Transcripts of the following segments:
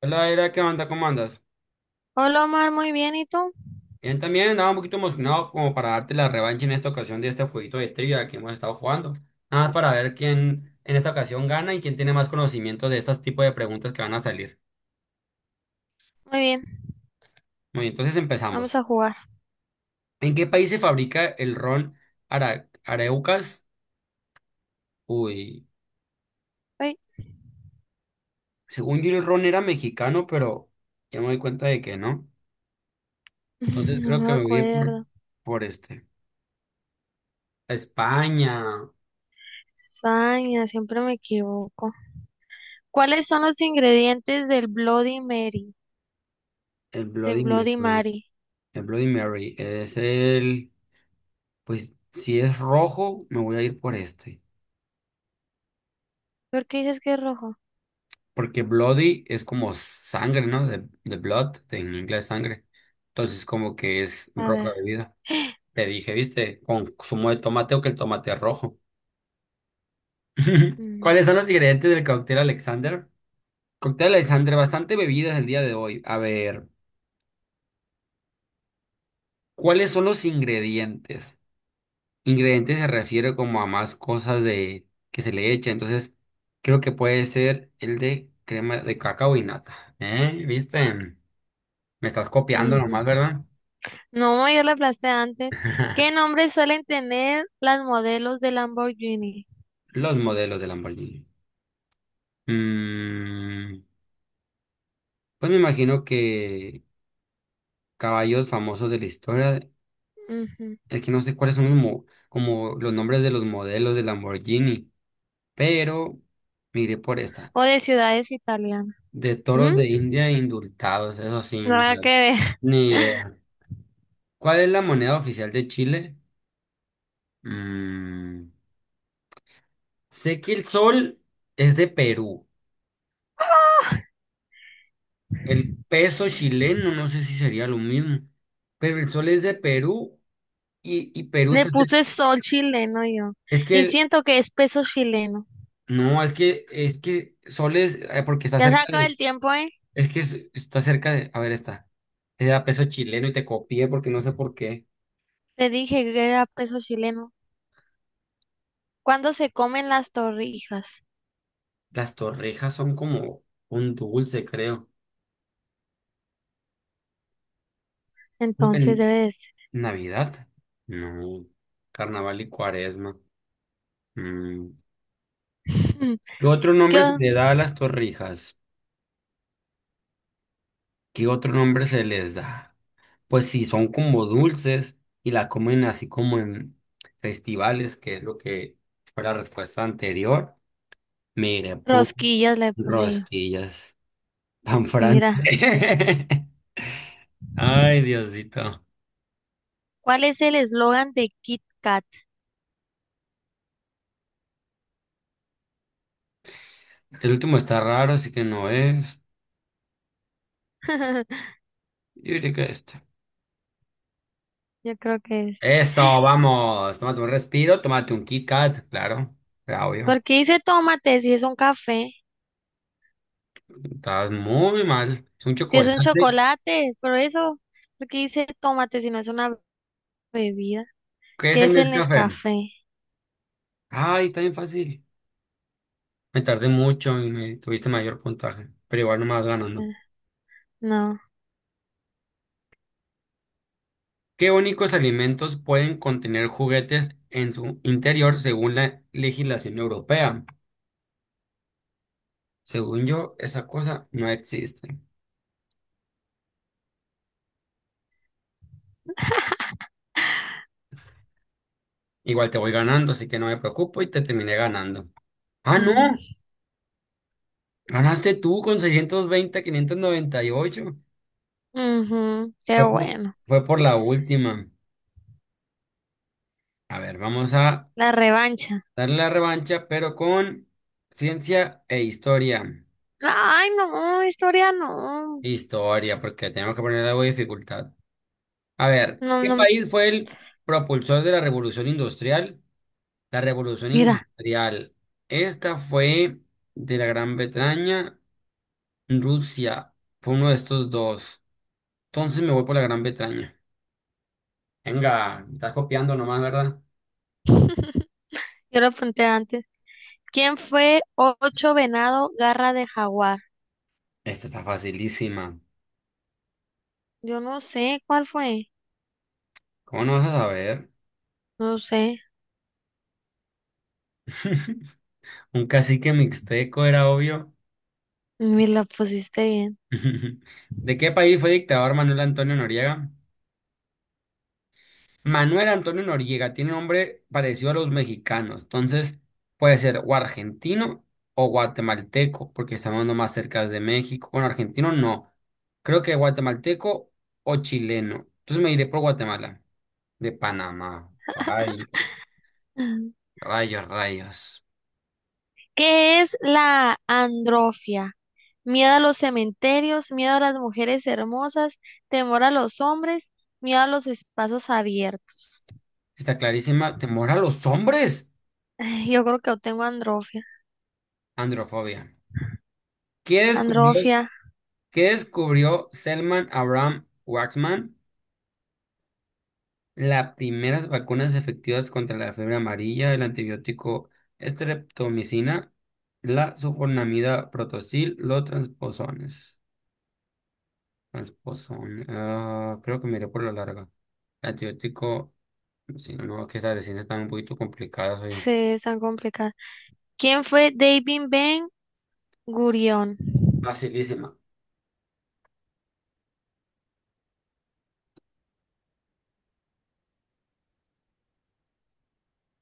Hola, era ¿qué onda? ¿Cómo andas? Hola Omar, muy bien, ¿y tú? Bien, también andaba un poquito emocionado como para darte la revancha en esta ocasión de este jueguito de trivia que hemos estado jugando. Nada más para ver quién en esta ocasión gana y quién tiene más conocimiento de estos tipos de preguntas que van a salir. Muy bien, Muy bien, entonces empezamos. vamos a jugar. ¿En qué país se fabrica el ron Araucas? Uy, Ay, según yo el ron era mexicano, pero ya me doy cuenta de que no. Entonces no creo me que me voy a ir por, acuerdo. por este. España, España, siempre me equivoco. ¿Cuáles son los ingredientes del Bloody Mary? el Del Bloody Bloody Mary. Mary. El Bloody Mary es el... Pues si es rojo, me voy a ir por este. ¿Por qué dices que es rojo? Porque bloody es como sangre, ¿no? De blood, en inglés sangre. Entonces como que es A roja ver. de vida. Te dije, ¿viste? Con zumo de tomate o que el tomate es rojo. Mm, ¿Cuáles son los ingredientes del cóctel Alexander? Cóctel Alexander, bastante bebidas el día de hoy. A ver, ¿cuáles son los ingredientes? Ingrediente se refiere como a más cosas de que se le echa, entonces creo que puede ser el de crema de cacao y nata. ¿Eh? ¿Viste? Me estás copiando ujú. nomás, ¿verdad? No, yo la aplasté antes. ¿Qué nombres suelen tener las modelos de Lamborghini? Los modelos de Lamborghini. Mm, pues me imagino que caballos famosos de la historia, Ujú. es que no sé cuáles son como los nombres de los modelos de Lamborghini, pero me iré por esta. O de ciudades italianas. De ¿Mm? toros de India indultados, eso sí, Nada que no, ver. ni idea. ¿Cuál es la moneda oficial de Chile? Mm, sé que el sol es de Perú. El peso chileno, no sé si sería lo mismo. Pero el sol es de Perú y Perú Le está cerca. puse sol chileno yo. Es que Y el- siento que es peso chileno. no, es que sol es, porque está Ya se cerca acaba de, el tiempo, ¿eh? Está cerca de, a ver, está. Era peso chileno y te copié porque no sé por qué. Te dije que era peso chileno. ¿Cuándo se comen las torrijas? Las torrejas son como un dulce, creo. No, Entonces en debe de ser. Navidad. No. Carnaval y Cuaresma. Mm, ¿Qué otro ¿Qué nombre se o- le da a las torrijas? ¿Qué otro nombre se les da? Pues sí, son como dulces y la comen así como en festivales, que es lo que fue la respuesta anterior. Mire, ¿Rosquillas le puse yo? rosquillas, pan Mira, francés. Ay, Diosito. ¿cuál es el eslogan de Kit Kat? El último está raro, así que no es. Yo diría que este. Yo creo que es. Eso, vamos. Tómate un respiro, tómate un Kit Kat, claro. Claro, obvio. ¿Por qué dice tómate si es un café? Estás muy mal. Es un Si es un chocolate. chocolate, pero eso, ¿por qué dice tómate si no es una bebida? ¿Qué es ¿Qué el es el Nescafé? Nescafé? Ay, está bien fácil. Me tardé mucho y me tuviste mayor puntaje, pero igual no me vas ganando. Ah, no. ¿Qué únicos alimentos pueden contener juguetes en su interior según la legislación europea? Según yo, esa cosa no existe. Igual te voy ganando, así que no me preocupo y te terminé ganando. Ah, no, ganaste tú con 620, 598. Ujú, qué Fue por, bueno. fue por la última. A ver, vamos a La revancha. darle la revancha, pero con ciencia e historia. Ay, no, historia no. Historia, porque tenemos que poner algo de dificultad. A ver, No, ¿qué no. país fue el propulsor de la revolución industrial? La revolución Mira, industrial. Esta fue de la Gran Bretaña, Rusia. Fue uno de estos dos. Entonces me voy por la Gran Bretaña. Venga, me estás copiando nomás, ¿verdad? yo lo apunté antes. ¿Quién fue ocho venado, garra de jaguar? Esta está facilísima. Yo no sé cuál fue. ¿Cómo no vas a saber? No sé. Un cacique mixteco era obvio. Ni la pusiste bien. ¿De qué país fue dictador Manuel Antonio Noriega? Manuel Antonio Noriega tiene un nombre parecido a los mexicanos, entonces puede ser o argentino o guatemalteco, porque estamos no más cerca de México. Bueno, argentino no, creo que guatemalteco o chileno. Entonces me iré por Guatemala, de Panamá. Rayos, rayos, rayos. ¿Qué es la androfia? Miedo a los cementerios, miedo a las mujeres hermosas, temor a los hombres, miedo a los espacios abiertos. Está clarísima. ¿Temor a los hombres? Ay, yo creo que yo tengo androfia. Androfobia. ¿Qué descubrió, Androfia. ¿qué descubrió Selman Abraham Waxman? Las primeras vacunas efectivas contra la fiebre amarilla, el antibiótico estreptomicina, la sulfonamida protosil, los transposones. Transposón. Ah, creo que miré por la larga. Antibiótico, si no, no, que las ciencias están un poquito complicadas hoy. Sí, es tan complicado. ¿Quién fue David Ben Gurión? Facilísima.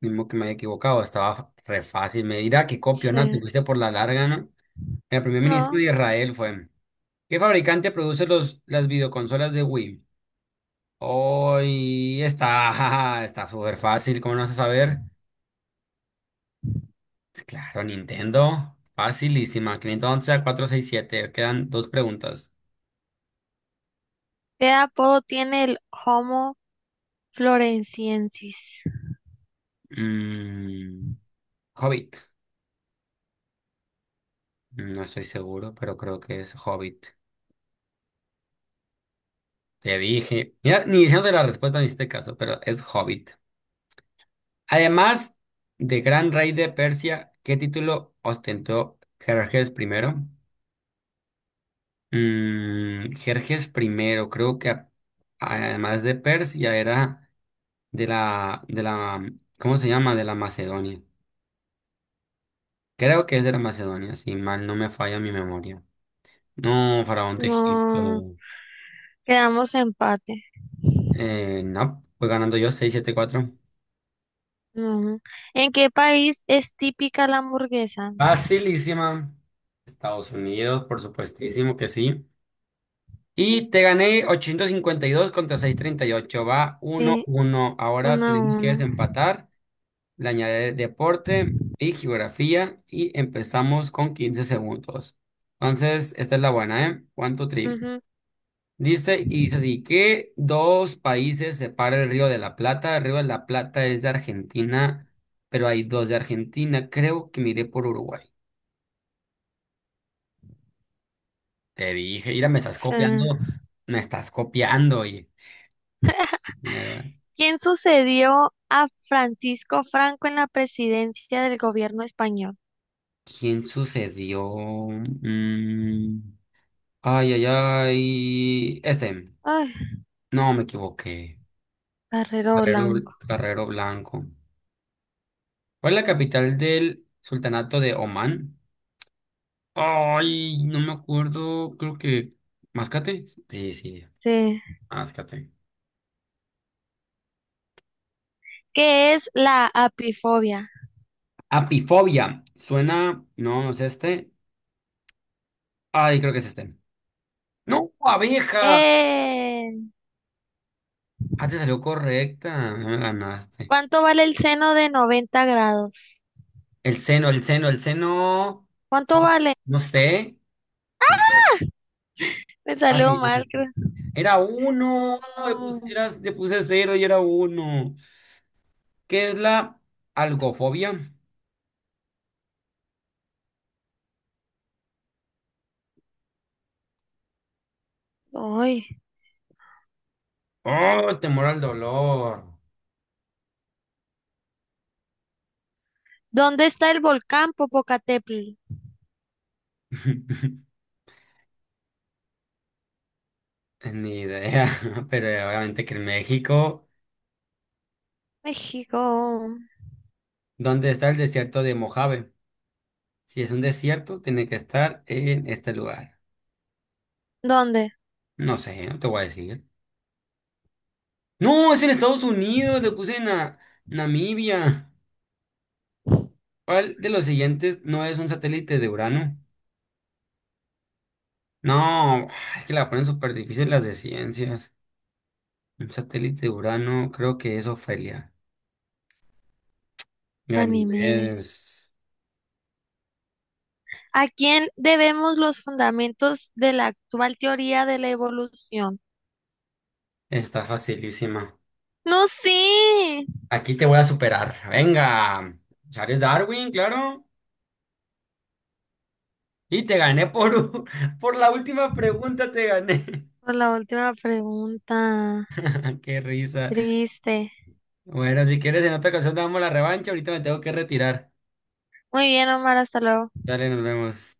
Mismo que me haya equivocado, estaba re fácil. Me dirá que copio, ¿no? Te Sí. fuiste por la larga, ¿no? El primer ministro No. de Israel fue. ¿Qué fabricante produce las videoconsolas de Wii? Hoy está, está súper fácil, ¿cómo no vas a saber? Claro, Nintendo, facilísima. 511 a 467, quedan dos preguntas. ¿Qué apodo tiene el Homo floresiensis? Mm, Hobbit, no estoy seguro, pero creo que es Hobbit. Te dije, mira, ni diciéndote la respuesta, en este caso, pero es Hobbit. Además de Gran Rey de Persia, ¿qué título ostentó Jerjes primero? Jerjes primero, creo que además de Persia era... de la, ¿cómo se llama? De la Macedonia. Creo que es de la Macedonia, si mal no me falla mi memoria. No, Faraón de No. Egipto. Quedamos empate. No, voy ganando yo 674. No. ¿En qué país es típica la hamburguesa? Facilísima. Estados Unidos, por supuestísimo que sí. Y te gané 852 contra 638. Va uno Sí, uno Ahora uno a tenemos que uno. desempatar. Le añadiré deporte y geografía. Y empezamos con 15 segundos. Entonces, esta es la buena, ¿eh? One, two, three. Ujú, Dice, y dice así, ¿qué dos países separa el Río de la Plata? El Río de la Plata es de Argentina, pero hay dos de Argentina. Creo que miré por Uruguay. Te dije, mira, sí. me estás copiando, oye. Mierda. ¿Quién sucedió a Francisco Franco en la presidencia del gobierno español? ¿Quién sucedió? Mm, Ay, ay, ay. Este, Ay, no me equivoqué. Barrero Carrero, Blanco. Carrero Blanco. ¿Cuál es la capital del Sultanato de Omán? Ay, no me acuerdo, creo que... ¿Mascate? Sí, sí. Sí. Mascate. ¿Qué es la apifobia? Apifobia. Suena... No, no es este. Ay, creo que es este. No, abeja. Eh, Ah, te salió correcta. No me ganaste. ¿Cuánto vale el seno de 90°? El seno, el seno, el seno. ¿Cuánto vale? No sé. No puedo. Me Ah, salió sí, es mal, este. creo. Era uno. No, Le puse cero y era uno. ¿Qué es la algofobia? no. Ay. Oh, temor al dolor. ¿Dónde está el volcán Popocatépetl? Ni idea, pero obviamente que en México, México. ¿dónde está el desierto de Mojave? Si es un desierto, tiene que estar en este lugar. ¿Dónde? No sé, no te voy a decir. No, es en Estados Unidos, le puse en Namibia. ¿Cuál de los siguientes no es un satélite de Urano? No, es que la ponen súper difícil las de ciencias. Un satélite de Urano, creo que es Ofelia. Ganímede. Ganimedes, ¿A quién debemos los fundamentos de la actual teoría de la evolución? está facilísima. No, sí. Aquí te voy a superar. Venga. Charles Darwin, claro. Y te gané por, por la última pregunta, te gané. Por la última pregunta. Qué risa. Triste. Bueno, si quieres, en otra ocasión damos la revancha. Ahorita me tengo que retirar. Muy bien, Omar, hasta luego. Dale, nos vemos.